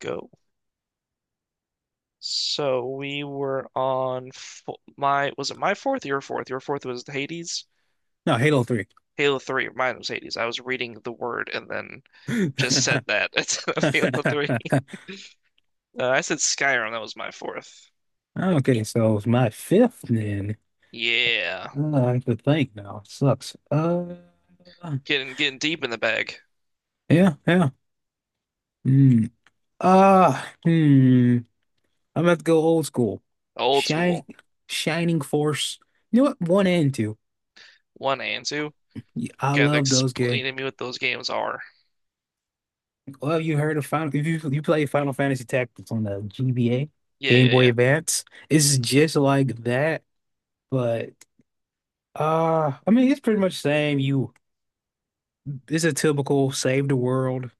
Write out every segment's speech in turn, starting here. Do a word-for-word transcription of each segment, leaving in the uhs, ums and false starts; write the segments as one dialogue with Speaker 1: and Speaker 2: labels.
Speaker 1: Go. So we were on fo my, was it my fourth? Your fourth. Your fourth was Hades.
Speaker 2: No, Halo three.
Speaker 1: Halo three. Mine was Hades. I was reading the word and then just said that instead of Halo three. Uh, I said Skyrim. That was my fourth.
Speaker 2: Okay, so it's my fifth then.
Speaker 1: Yeah.
Speaker 2: Uh, I have to think now. It sucks. Uh,
Speaker 1: Getting getting deep in the bag.
Speaker 2: yeah, yeah. Hmm. Uh, hmm. I'm about to go old school.
Speaker 1: Old
Speaker 2: Shining,
Speaker 1: school.
Speaker 2: Shining Force. You know what? One and two.
Speaker 1: One and two.
Speaker 2: Y- I
Speaker 1: Gotta
Speaker 2: love those games.
Speaker 1: explain to me what those games are.
Speaker 2: Well, you heard of Final? If you you play Final Fantasy Tactics on the G B A,
Speaker 1: Yeah,
Speaker 2: Game
Speaker 1: yeah,
Speaker 2: Boy
Speaker 1: yeah.
Speaker 2: Advance, it's just like that, but. Uh, I mean, it's pretty much the same. You it's a typical save the world,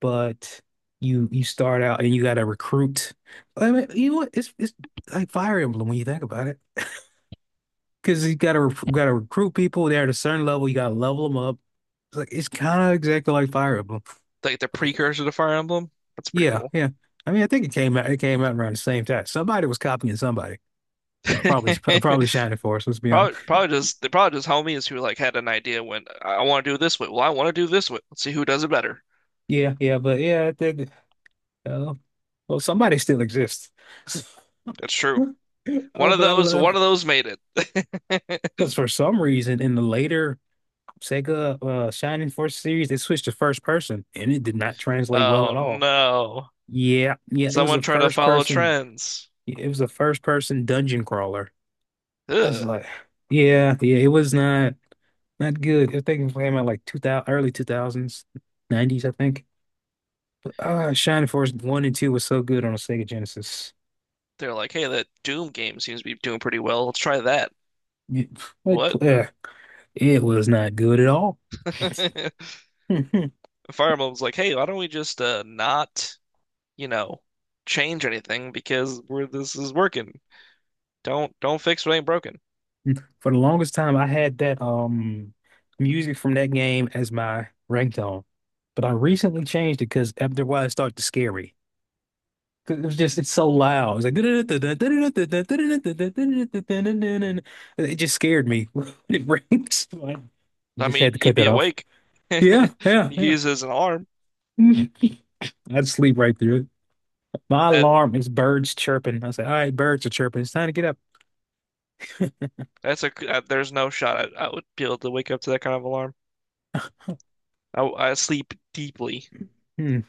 Speaker 2: but you you start out and you got to recruit. I mean, you know what? It's it's like Fire Emblem when you think about it, because you got to got to recruit people. They're at a certain level. You got to level them up. It's like, it's kind of exactly like Fire Emblem.
Speaker 1: Like the
Speaker 2: But
Speaker 1: precursor to Fire Emblem. That's pretty
Speaker 2: yeah,
Speaker 1: cool.
Speaker 2: yeah. I mean, I think it came out. It came out around the same time. Somebody was copying somebody. Probably, probably Shining Force. Let's be honest.
Speaker 1: Probably, probably just they probably just homies who like had an idea when I, want to do it this way. Well, I want to do it this way. Let's see who does it better.
Speaker 2: Yeah, yeah. But yeah, I think. Uh, well, somebody still exists.
Speaker 1: That's true. One
Speaker 2: Uh,
Speaker 1: of
Speaker 2: but I
Speaker 1: those, one
Speaker 2: love
Speaker 1: of those made it.
Speaker 2: Because for some reason, in the later Sega uh, Shining Force series, they switched to first person, and it did not translate well
Speaker 1: Oh
Speaker 2: at all.
Speaker 1: no!
Speaker 2: Yeah, yeah, it was
Speaker 1: Someone
Speaker 2: a
Speaker 1: tried to
Speaker 2: first
Speaker 1: follow
Speaker 2: person.
Speaker 1: trends.
Speaker 2: It was a first person dungeon crawler. That's
Speaker 1: Ugh.
Speaker 2: like, yeah, yeah, it was not not good. I think it came out like two thousand, early two thousands, nineties, I think. But, ah, Shining Force one and two was so good on a Sega Genesis.
Speaker 1: They're like, hey, that Doom game seems to be doing pretty well. Let's try that.
Speaker 2: It, like,
Speaker 1: What?
Speaker 2: uh, it was not good at all.
Speaker 1: Fire Emblem's like, hey, why don't we just uh not, you know, change anything because we're this is working. Don't don't fix what ain't broken.
Speaker 2: For the longest time, I had that um music from that game as my ringtone, but I recently changed it because after a while it started to scare me. 'Cause It was just it's so loud. It's like, it just scared me, when it rings. So I
Speaker 1: I
Speaker 2: just had
Speaker 1: mean,
Speaker 2: to
Speaker 1: you'd
Speaker 2: cut that
Speaker 1: be
Speaker 2: off.
Speaker 1: awake. You could
Speaker 2: Yeah, yeah,
Speaker 1: use it as an alarm.
Speaker 2: yeah. I'd sleep right through it. My
Speaker 1: That
Speaker 2: alarm is birds chirping. I say, all right, birds are chirping. It's time to get up.
Speaker 1: that's a, uh, there's no shot I, I would be able to wake up to that kind of alarm. I, I sleep deeply.
Speaker 2: Hmm.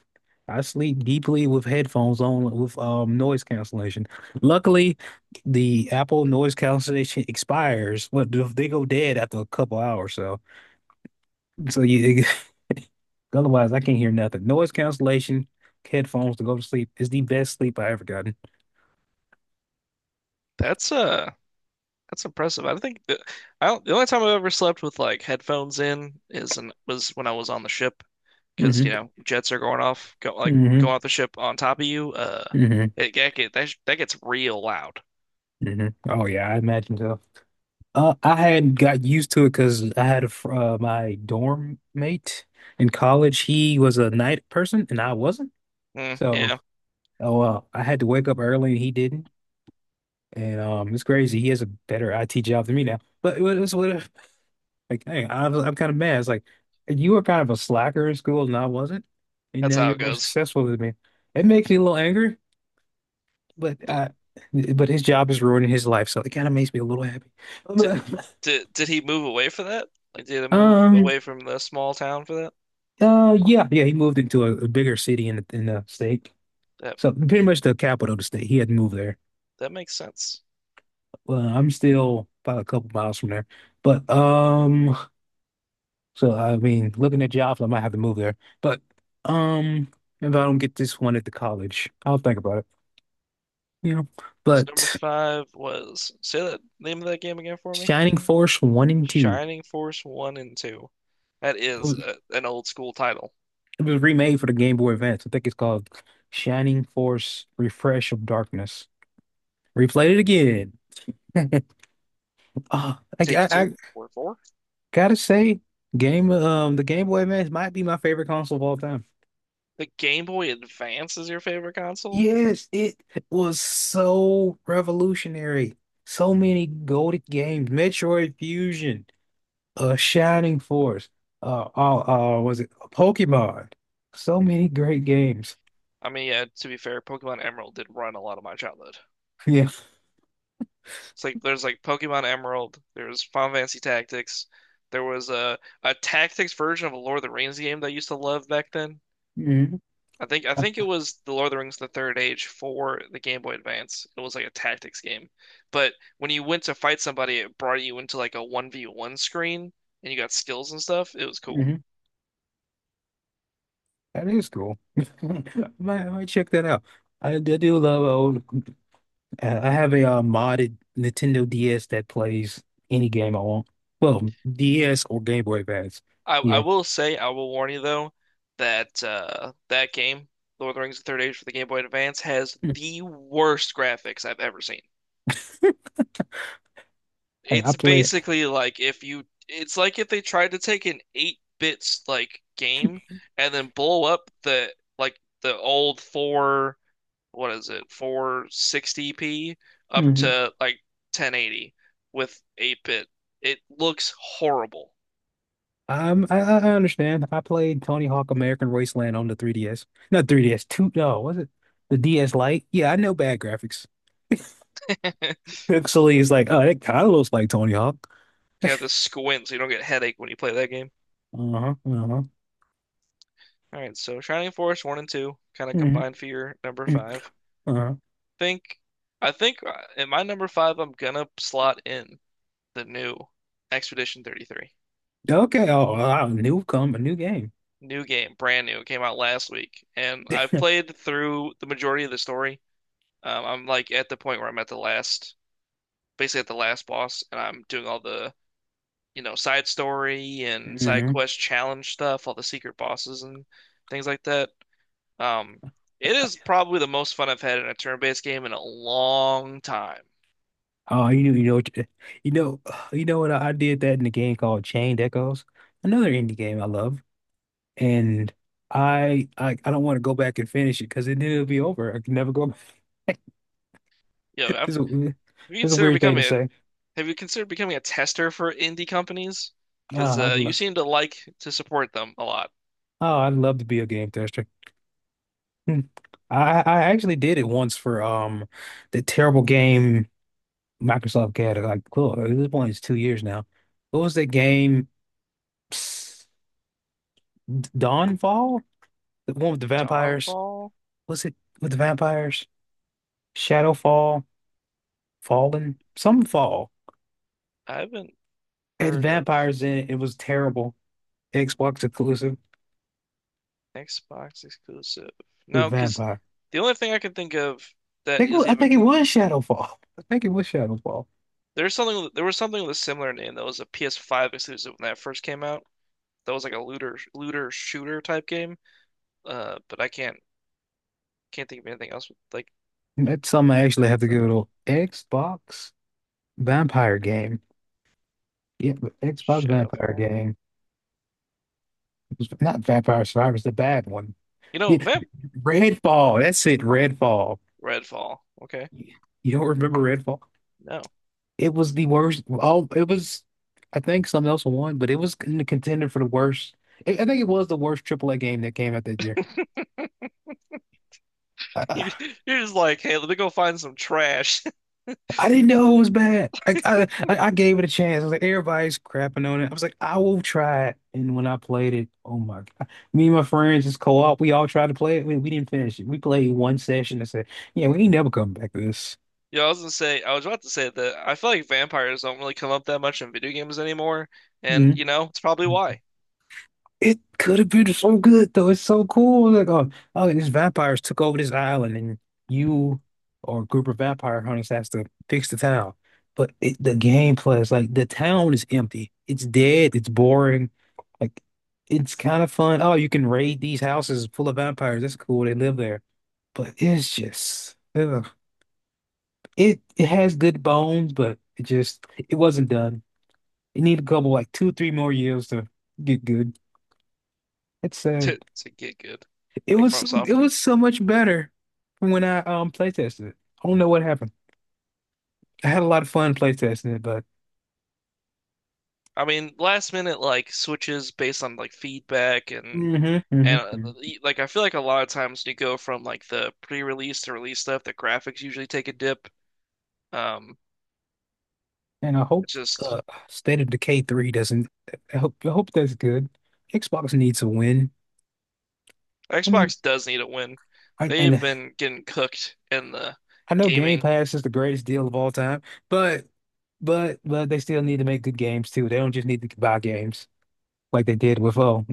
Speaker 2: I sleep deeply with headphones on with um noise cancellation. Luckily, the Apple noise cancellation expires. What do- they go dead after a couple hours? So, so you otherwise I can't hear nothing. Noise cancellation headphones to go to sleep is the best sleep I ever gotten.
Speaker 1: That's uh that's impressive. I don't think that, I don't, the only time I've ever slept with like headphones in is an, was when I was on the ship because you
Speaker 2: hmm
Speaker 1: know jets are going off, go like going
Speaker 2: hmm
Speaker 1: off the ship on top of you. Uh,
Speaker 2: hmm
Speaker 1: it, that get that, that gets real loud.
Speaker 2: hmm Oh yeah, I imagine so. Uh, I had got used to it because I had a, fr- uh, my dorm mate in college. He was a night person and I wasn't.
Speaker 1: Mm,
Speaker 2: So
Speaker 1: yeah,
Speaker 2: Oh, well, I had to wake up early and he didn't. And um it's crazy. He has a better I T job than me now. But it was what if like dang, I'm I'm kind of mad. It's like you were kind of a slacker in school and I wasn't. And
Speaker 1: that's
Speaker 2: now
Speaker 1: how it
Speaker 2: you're more
Speaker 1: goes.
Speaker 2: successful than me. It makes me a little angry, but uh but his job is ruining his life, so it kind of makes me a little happy.
Speaker 1: Did did did he move away for that? Like, did he move
Speaker 2: um
Speaker 1: away from the small town for that?
Speaker 2: uh yeah, yeah, he moved into a, a bigger city in the in the state.
Speaker 1: That
Speaker 2: So pretty much the capital of the state. He had to move there.
Speaker 1: that makes sense.
Speaker 2: Well, I'm still about a couple miles from there. But um so I mean, looking at jobs, I might have to move there. But um, if I don't get this one at the college, I'll think about it. You know,
Speaker 1: So number
Speaker 2: but
Speaker 1: five was, say that name of that game again for me.
Speaker 2: Shining Force One and Two.
Speaker 1: Shining Force One and Two. That
Speaker 2: It
Speaker 1: is
Speaker 2: was,
Speaker 1: a, an old school title.
Speaker 2: it was remade for the Game Boy Advance. I think it's called Shining Force Refresh of Darkness. Replayed it again. Oh, I,
Speaker 1: Take
Speaker 2: I, I
Speaker 1: two or four.
Speaker 2: gotta say, game um the Game Boy Advance might be my favorite console of all time.
Speaker 1: The Game Boy Advance is your favorite console?
Speaker 2: Yes, it was so revolutionary. So many goated games. Metroid Fusion, uh, Shining Force, uh, uh, uh, was it Pokemon? So many great games.
Speaker 1: I mean, yeah. To be fair, Pokemon Emerald did run a lot of my childhood.
Speaker 2: Yeah.
Speaker 1: It's like there's like Pokemon Emerald, there's Final Fantasy Tactics, there was a a Tactics version of a Lord of the Rings game that I used to love back then.
Speaker 2: hmm
Speaker 1: I think I think it was the Lord of the Rings: The Third Age for the Game Boy Advance. It was like a tactics game, but when you went to fight somebody, it brought you into like a one v one screen and you got skills and stuff. It was cool.
Speaker 2: That is cool. I might, I might check that out. I, I do love uh, old. Uh, I have a uh, modded Nintendo D S that plays any game I want. Well, D S or Game Boy Advance.
Speaker 1: I I
Speaker 2: Yeah.
Speaker 1: will say, I will warn you though that uh, that game, Lord of the Rings: The Third Age for the Game Boy Advance, has the worst graphics I've ever seen.
Speaker 2: Hey, I
Speaker 1: It's
Speaker 2: play it.
Speaker 1: basically like if you, it's like if they tried to take an eight-bit like game and then blow up the like the old four, what is it, four sixty p, up
Speaker 2: Mm-hmm.
Speaker 1: to like ten eighty with eight-bit. It looks horrible.
Speaker 2: Um, I, I I understand. I played Tony Hawk American Wasteland on the three D S. Not three D S, two, no, was it the D S Lite? Yeah, I know bad graphics. Pixely is like, oh, it kind of looks like Tony Hawk.
Speaker 1: You have to squint so you don't get a headache when you play that game.
Speaker 2: Uh-huh, uh-huh,
Speaker 1: All right, so Shining Force one and two kind of
Speaker 2: hmm,
Speaker 1: combined for your number five.
Speaker 2: uh-huh.
Speaker 1: Think I think uh, in my number five I'm gonna slot in the new Expedition thirty-three.
Speaker 2: Okay, oh, wow, new come, a new game.
Speaker 1: New game, brand new. It came out last week, and I've played through the majority of the story. Um, I'm like at the point where I'm at the last, basically at the last boss, and I'm doing all the, you know, side story and side
Speaker 2: hmm
Speaker 1: quest challenge stuff, all the secret bosses and things like that. Um, it is probably the most fun I've had in a turn-based game in a long time.
Speaker 2: Oh, you know, you know, what you you know, you know what I, I did that in a game called Chained Echoes, another indie game I love, and I I, I don't want to go back and finish it because then it'll be over. I can never go.
Speaker 1: You know, I've,
Speaker 2: It's a
Speaker 1: if you
Speaker 2: it's a
Speaker 1: consider
Speaker 2: weird thing to
Speaker 1: becoming a
Speaker 2: say.
Speaker 1: Have you considered becoming a tester for indie companies? Because
Speaker 2: Oh, I'd
Speaker 1: uh, you
Speaker 2: love
Speaker 1: seem to like to support them a lot.
Speaker 2: oh, I'd love to be a game tester. Hmm. I I actually did it once for um the terrible game Microsoft had. Like, cool, this one is two years now. What was that game? Psst, Dawnfall? The one with the vampires?
Speaker 1: Dawnfall?
Speaker 2: Was it with the vampires? Shadowfall? Fallen? Some fall.
Speaker 1: I haven't
Speaker 2: It had
Speaker 1: heard of
Speaker 2: vampires in it. It was terrible. Xbox exclusive
Speaker 1: Xbox exclusive.
Speaker 2: with
Speaker 1: No, because
Speaker 2: vampire.
Speaker 1: the only thing I can think of
Speaker 2: I
Speaker 1: that
Speaker 2: think, it wa-
Speaker 1: is
Speaker 2: I
Speaker 1: even
Speaker 2: think it was Shadowfall. I think it was Shadowfall.
Speaker 1: there's something, there was something with a similar name that was a P S five exclusive when that first came out. That was like a looter looter shooter type game. Uh, but I can't can't think of anything else with, like
Speaker 2: That's something I
Speaker 1: like that
Speaker 2: actually
Speaker 1: with
Speaker 2: have to give
Speaker 1: uh,
Speaker 2: it a Xbox Vampire game. Yeah, the Xbox Vampire
Speaker 1: Shadowfall.
Speaker 2: game. It was not Vampire Survivors, the bad one.
Speaker 1: You know,
Speaker 2: Yeah,
Speaker 1: Vamp
Speaker 2: Redfall. That's it, Redfall.
Speaker 1: Redfall. Okay,
Speaker 2: You don't remember Redfall?
Speaker 1: no.
Speaker 2: It was the worst. Oh, it was. I think something else won, but it was in the contender for the worst. I I think it was the worst triple A game that came out that year. Uh,
Speaker 1: You're just like, hey, let me go find some trash.
Speaker 2: I didn't know it was bad. I, I I I gave it a chance. I was like, everybody's crapping on it. I was like, I will try it. And when I played it, oh my God. Me and my friends just co-op. We all tried to play it. We, we didn't finish it. We played one session and said, yeah, we ain't never come back to this.
Speaker 1: Yeah, I was gonna say, I was about to say that I feel like vampires don't really come up that much in video games anymore, and you know, it's probably
Speaker 2: Mhm.
Speaker 1: why
Speaker 2: It could have been so good though. It's so cool. Like, oh, oh, these vampires took over this island, and you or a group of vampire hunters has to fix the town. But it, the gameplay is like the town is empty. It's dead. It's boring. Like, it's kind of fun. Oh, you can raid these houses full of vampires. That's cool. They live there. But it's just ugh. It it has good bones, but it just it wasn't done. It needed a couple like two, three more years to get good. It's sad.
Speaker 1: to to get good,
Speaker 2: It
Speaker 1: like
Speaker 2: was so, it
Speaker 1: FromSoft.
Speaker 2: was so much better from when I um play tested it. I don't know what happened. I had a lot of fun play testing it, but.
Speaker 1: I mean, last minute like switches based on like feedback and
Speaker 2: hmm
Speaker 1: and uh,
Speaker 2: hmm
Speaker 1: the- like I feel like a lot of times when you go from like the pre-release to release stuff, the graphics usually take a dip. Um,
Speaker 2: And I
Speaker 1: it's
Speaker 2: hope
Speaker 1: just
Speaker 2: uh, State of Decay three doesn't. I hope I hope that's good. Xbox needs a win. I mean,
Speaker 1: Xbox does need a win.
Speaker 2: I,
Speaker 1: They've
Speaker 2: and
Speaker 1: been getting cooked in the
Speaker 2: I know Game
Speaker 1: gaming.
Speaker 2: Pass is the greatest deal of all time, but but but they still need to make good games too. They don't just need to buy games like they did with oh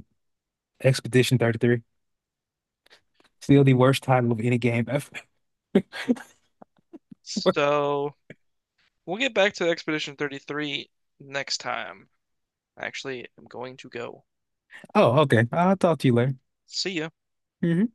Speaker 2: Expedition thirty-three. Still the worst title of any game ever.
Speaker 1: So we'll get back to Expedition thirty-three next time. Actually, I'm going to go.
Speaker 2: Oh, okay. I'll talk to you later.
Speaker 1: See ya.
Speaker 2: Mhm.